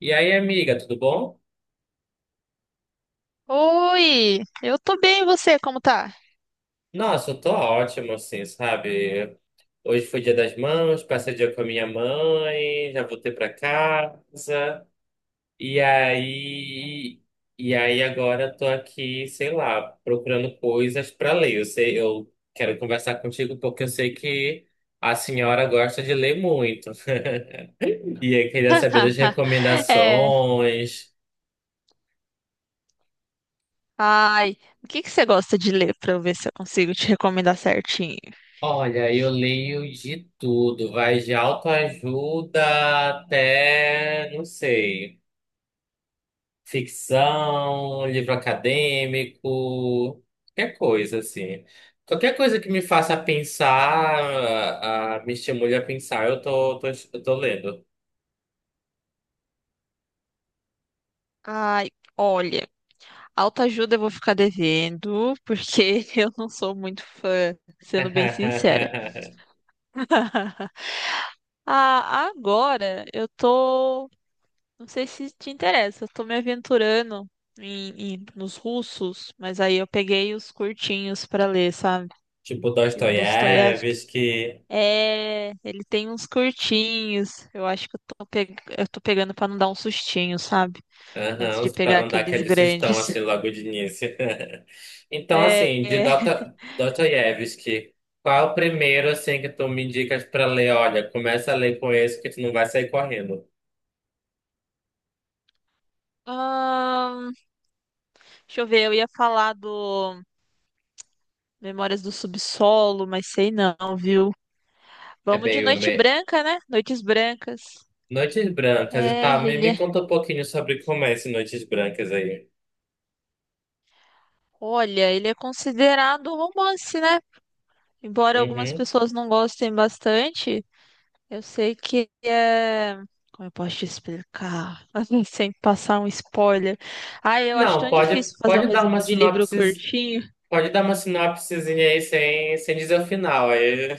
E aí, amiga, tudo bom? Oi, eu tô bem, e você, como tá? Nossa, eu tô ótimo, assim, sabe? Hoje foi dia das mães, passei o dia com a minha mãe, já voltei pra casa. E aí, e aí, agora eu tô aqui, sei lá, procurando coisas pra ler. Eu sei, eu quero conversar contigo porque eu sei que a senhora gosta de ler muito. E eu queria saber das É, recomendações. ai, o que que você gosta de ler pra eu ver se eu consigo te recomendar certinho? Olha, eu leio de tudo, vai de autoajuda até, não sei, ficção, livro acadêmico, qualquer coisa assim. Qualquer coisa que me faça pensar, me estimule a pensar, eu tô lendo. Ai, olha, autoajuda eu vou ficar devendo, porque eu não sou muito fã, sendo bem sincera. Ah, agora eu tô. Não sei se te interessa, eu tô me aventurando nos russos, mas aí eu peguei os curtinhos pra ler, sabe? Tipo Que o Dostoiévski. Dostoiévski, É, ele tem uns curtinhos. Eu acho que eu tô pegando pra não dar um sustinho, sabe? Antes aham, de pra pegar não dar aqueles aquele sustão grandes. assim logo de início. Então, É, assim, de é. Dota, Dostoiévski, qual é o primeiro, assim, que tu me indicas pra ler? Olha, começa a ler com esse que tu não vai sair correndo. Ahn, deixa eu ver, eu ia falar do Memórias do Subsolo, mas sei não, viu? É Vamos bem, de eu Noite me... Branca, né? Noites Brancas. Noites Brancas, e É, tá, ele me é. conta um pouquinho sobre como é esse Noites Brancas aí. Olha, ele é considerado um romance, né? Embora algumas Uhum. pessoas não gostem bastante, eu sei que é. Como eu posso te explicar? Assim, sem passar um spoiler. Ah, eu acho Não, tão difícil fazer um pode dar uma resumo de livro sinopse, curtinho. pode dar uma sinopsezinha aí sem dizer o final, aí...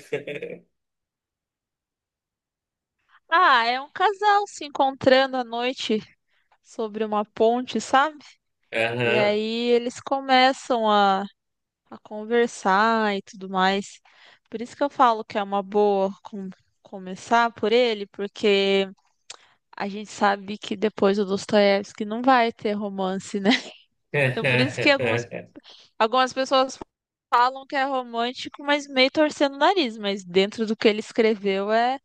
Ah, é um casal se encontrando à noite sobre uma ponte, sabe? E Aham. aí eles começam a conversar e tudo mais. Por isso que eu falo que é uma começar por ele, porque a gente sabe que depois o Dostoiévski não vai ter romance, né? Então por isso que algumas pessoas falam que é romântico, mas meio torcendo o nariz, mas dentro do que ele escreveu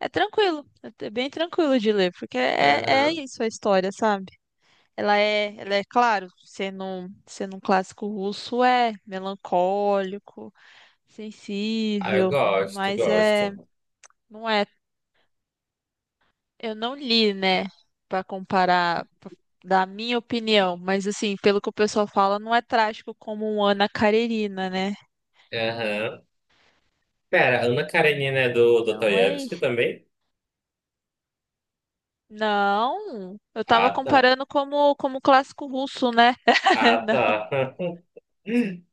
é tranquilo, é bem tranquilo de ler, porque é Aham. isso a história, sabe? Ela é, claro, sendo um clássico russo, é melancólico, Ah, eu sensível, mas gosto. não é, eu não li, né, pra comparar pra dar a minha opinião, mas assim, pelo que o pessoal fala, não é trágico como um Ana Karenina, né? Aham. Pera, Ana Karenina é do Então é Dostoiévski isso. também? Não, eu tava Ah, tá. comparando como clássico russo, né? Ah, Não, tá.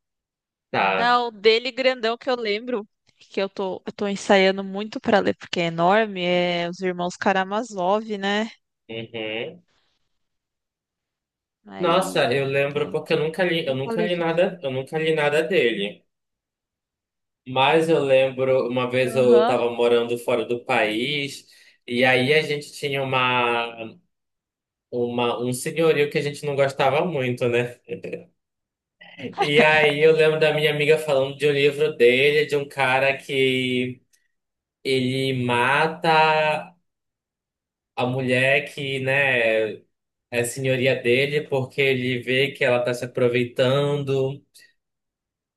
Tá. não, o dele grandão que eu lembro. Que eu tô ensaiando muito pra ler, porque é enorme, é Os Irmãos Karamazov, né? Uhum. Nossa, Aí, eu lembro porque então, por isso que eu falei que. Eu nunca li nada dele. Mas eu lembro, uma vez eu Aham. estava morando fora do país e aí a gente tinha uma um senhorio que a gente não gostava muito, né? E aí eu lembro da minha amiga falando de um livro dele, de um cara que ele mata a mulher que, né? É senhoria dele porque ele vê que ela está se aproveitando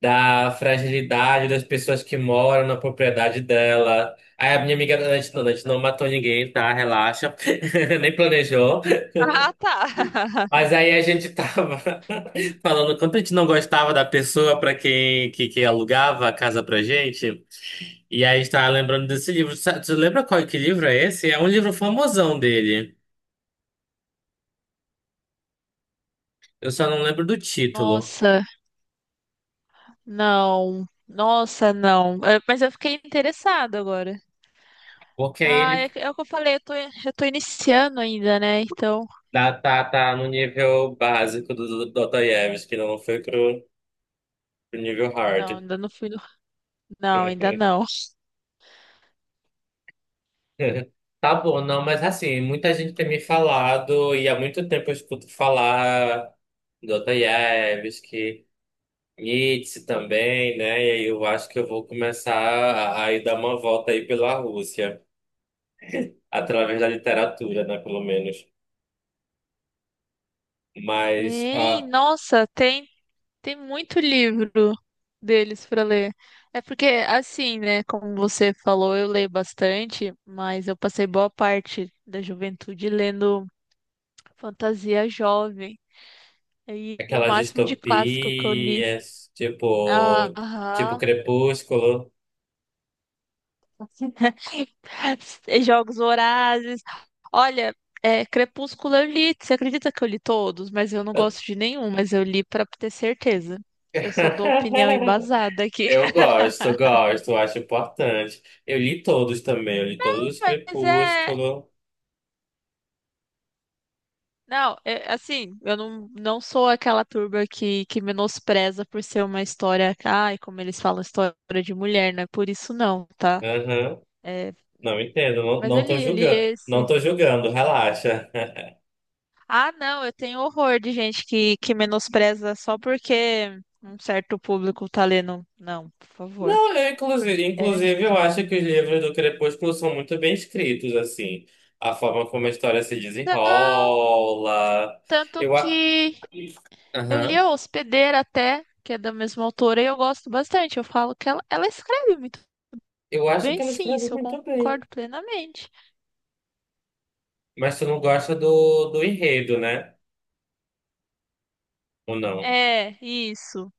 da fragilidade das pessoas que moram na propriedade dela. Aí a minha amiga, a gente não matou ninguém, tá? Relaxa. Nem planejou. Ah, tá. Mas aí a gente tava falando quanto a gente não gostava da pessoa para que alugava a casa pra gente. E aí a gente tava lembrando desse livro. Tu lembra qual que livro é esse? É um livro famosão dele. Eu só não lembro do título. Nossa, não. Nossa, não. É, mas eu fiquei interessada agora. Porque aí Ah, é, ele... é o que eu falei, eu tô iniciando ainda, né? Então, Tá no nível básico do Dostoiévski, que não foi pro nível não, hard. ainda não fui no... Não, ainda não. Tá bom, não, mas assim, muita gente tem me falado, e há muito tempo eu escuto falar Dostoiévski, Nietzsche também, né? E aí eu acho que eu vou começar a ir dar uma volta aí pela Rússia, através da literatura, né, pelo menos. Mas Tem, ah, nossa, tem, tem muito livro deles para ler. É porque, assim, né, como você falou, eu leio bastante, mas eu passei boa parte da juventude lendo fantasia jovem. E o aquelas máximo de clássico que eu li. distopias, tipo, tipo Aham. Crepúsculo. Jogos Vorazes. Olha, é, Crepúsculo eu li. Você acredita que eu li todos? Mas eu não Eu... gosto de nenhum, mas eu li pra ter certeza. Eu só dou opinião embasada aqui. Eu gosto, acho importante. Eu li todos também, eu li todos os Mas é. Crepúsculo. Não, é, assim, eu não, não sou aquela turba que menospreza por ser uma história. Ai, como eles falam, história de mulher, não é por isso não, tá? Aham. É, Não entendo, não, mas não tô eu li julgando. esse. Não tô julgando, relaxa. Ah, não, eu tenho horror de gente que menospreza só porque um certo público tá lendo. Não, por favor. Não, eu, É. inclusive, eu acho que os livros do Crepúsculo são muito bem escritos, assim. A forma como a história se Não, desenrola. tanto Eu, a... que eu li Aham. a Hospedeira até, que é da mesma autora, e eu gosto bastante. Eu falo que ela escreve muito Eu acho bem, que ela sim, escreve isso eu muito bem. concordo plenamente. Mas tu não gosta do enredo, né? Ou não? É, isso.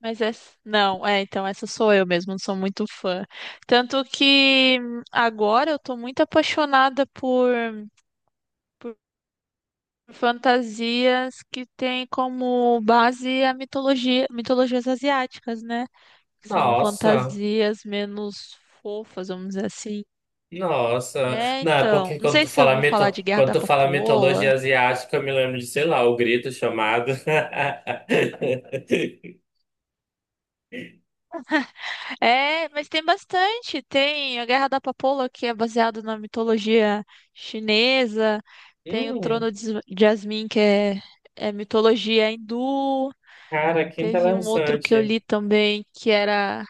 Mas essa. Não, é, então essa sou eu mesmo, não sou muito fã. Tanto que agora eu tô muito apaixonada por fantasias que têm como base a mitologia, mitologias asiáticas, né? São Nossa. fantasias menos fofas, vamos dizer assim. Nossa, É, não, é então, porque não quando sei tu se você fala ouviu mito, falar de Guerra quando da tu fala Papoula. mitologia asiática, eu me lembro de, sei lá, o grito o chamado. É, mas tem bastante. Tem a Guerra da Papoula, que é baseado na mitologia chinesa. Tem o Hum, Trono de Jasmine, é mitologia hindu. cara, que Teve um outro que eu interessante. li também,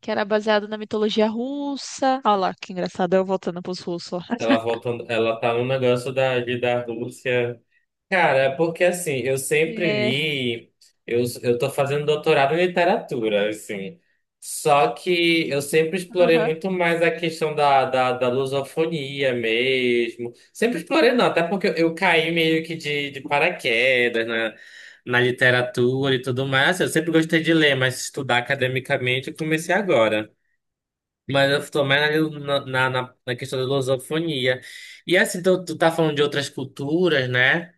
que era baseado na mitologia russa. Olha lá, que engraçado, eu voltando pros russos, ó. Ela voltando, ela tá no negócio da Rússia. Cara, é porque assim, eu sempre É, li, eu tô fazendo doutorado em literatura, assim, só que eu sempre explorei aham. muito mais a questão da lusofonia mesmo, sempre explorei não, até porque eu caí meio que de paraquedas na literatura e tudo mais. Assim, eu sempre gostei de ler, mas estudar academicamente eu comecei agora. Mas eu tô mais na questão da lusofonia. E assim, tu tá falando de outras culturas, né?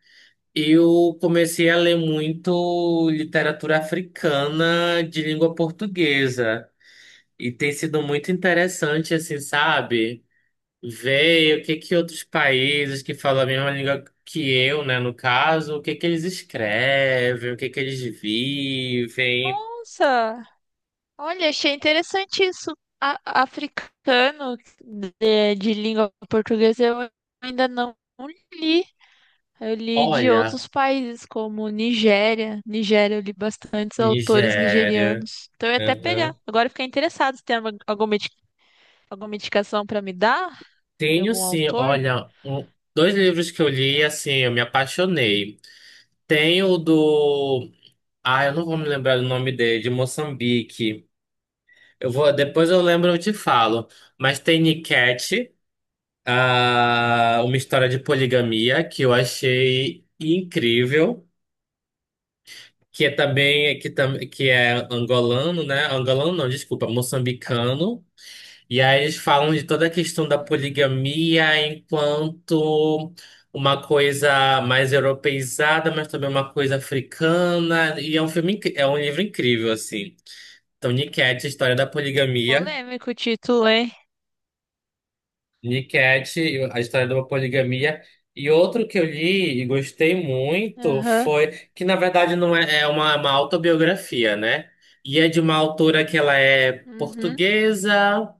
Eu comecei a ler muito literatura africana de língua portuguesa e tem sido muito interessante, assim, sabe? Ver o que que outros países que falam a mesma língua que eu, né, no caso, o que que eles escrevem, o que que eles vivem. Nossa, olha, achei interessante isso. Africano de língua portuguesa eu ainda não li. Eu li de Olha, outros países, como Nigéria. Nigéria, eu li bastantes autores Nigéria. nigerianos. Então eu ia até pegar. Uhum. Agora eu fiquei interessado se tem alguma indicação para me dar de Tenho algum sim, autor. olha, dois livros que eu li, assim, eu me apaixonei. Tem o do... Ah, eu não vou me lembrar do nome dele, de Moçambique. Eu vou, depois eu lembro, eu te falo. Mas tem Niket, ah, uma história de poligamia que eu achei incrível, que é também que é angolano, né? Angolano não, desculpa, moçambicano. E aí eles falam de toda a questão da Uhum. poligamia enquanto uma coisa mais europeizada, mas também uma coisa africana. E é um filme, é um livro incrível, assim. Então, Niket, a história da poligamia. Polêmico o título, hein? Niket, a história da poligamia. E outro que eu li e gostei muito Aham. foi que, na verdade, não é, é uma autobiografia, né? E é de uma autora que ela é Uhum. portuguesa,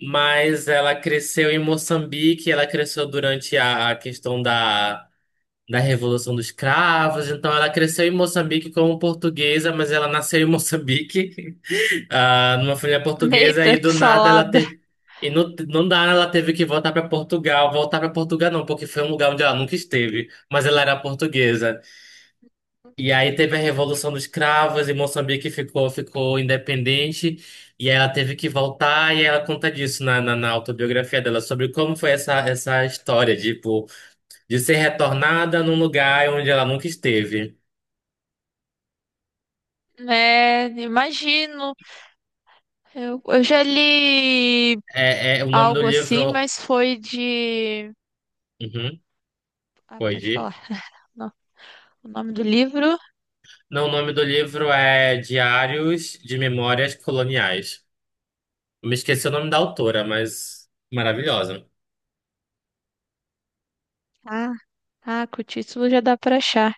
mas ela cresceu em Moçambique, ela cresceu durante a questão da Revolução dos Cravos, então ela cresceu em Moçambique como portuguesa, mas ela nasceu em Moçambique. Ah, numa família portuguesa Eita, e que do nada ela salada. teve. E no nada ela teve que voltar para Portugal. Voltar para Portugal não, porque foi um lugar onde ela nunca esteve, mas ela era portuguesa. E aí teve a Revolução dos Cravos e Moçambique ficou independente. E aí ela teve que voltar e ela conta disso na autobiografia dela, sobre como foi essa história, tipo, de ser retornada num lugar onde ela nunca esteve. É, imagino. Eu já li É, é o nome do algo assim, livro. mas foi de. Uhum, Ah, pode pode ir. falar. Não, o nome do livro? Não, o nome do livro é Diários de Memórias Coloniais. Eu me esqueci o nome da autora, mas maravilhosa. Ah, ah, com o título já dá pra achar.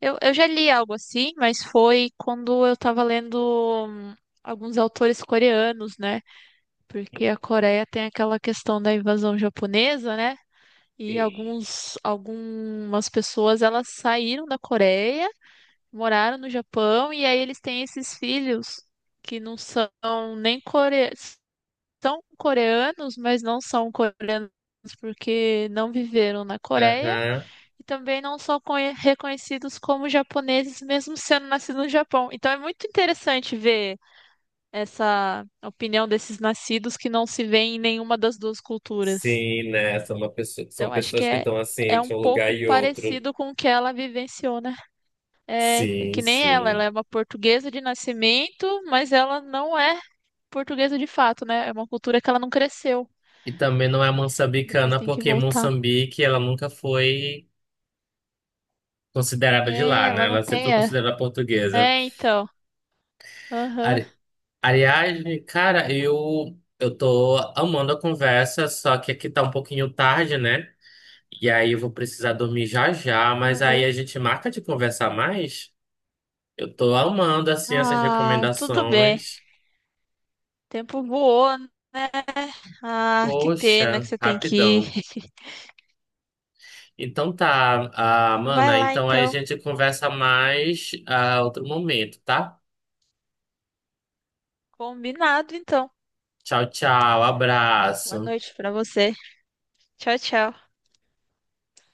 Eu já li algo assim, mas foi quando eu tava lendo hum, alguns autores coreanos, né? Porque a Coreia tem aquela questão da invasão japonesa, né? E Sim. Algumas pessoas elas saíram da Coreia, moraram no Japão e aí eles têm esses filhos que não são nem coreanos, são coreanos, mas não são coreanos porque não viveram na Coreia Aham. e também não são reconhecidos como japoneses mesmo sendo nascidos no Japão. Então é muito interessante ver essa opinião desses nascidos que não se vêem em nenhuma das duas culturas. Sim, né? São, são Então acho pessoas que estão assim é um entre um lugar pouco e outro. parecido com o que ela vivenciou na. É é Sim, que nem ela, ela é sim. uma portuguesa de nascimento, mas ela não é portuguesa de fato, né? É uma cultura que ela não cresceu. E também não é Depois moçambicana, tem que porque voltar. Moçambique ela nunca foi considerada de É, lá, né? ela não Ela sempre foi tem. É, considerada portuguesa. é então. Aham, Ari- Aliás, cara, eu tô amando a conversa, só que aqui tá um pouquinho tarde, né? E aí eu vou precisar dormir já já, mas aí aham. a gente marca de conversar mais. Eu tô amando assim essas Ah, tudo bem. O recomendações. tempo voou, né? Ah, que pena que Poxa, você tem que ir. rapidão. Então tá, ah, Então vai mana, lá, então aí a então. gente conversa mais a outro momento, tá? Combinado, então. Tchau, tchau, Boa abraço. noite pra você. Tchau, tchau.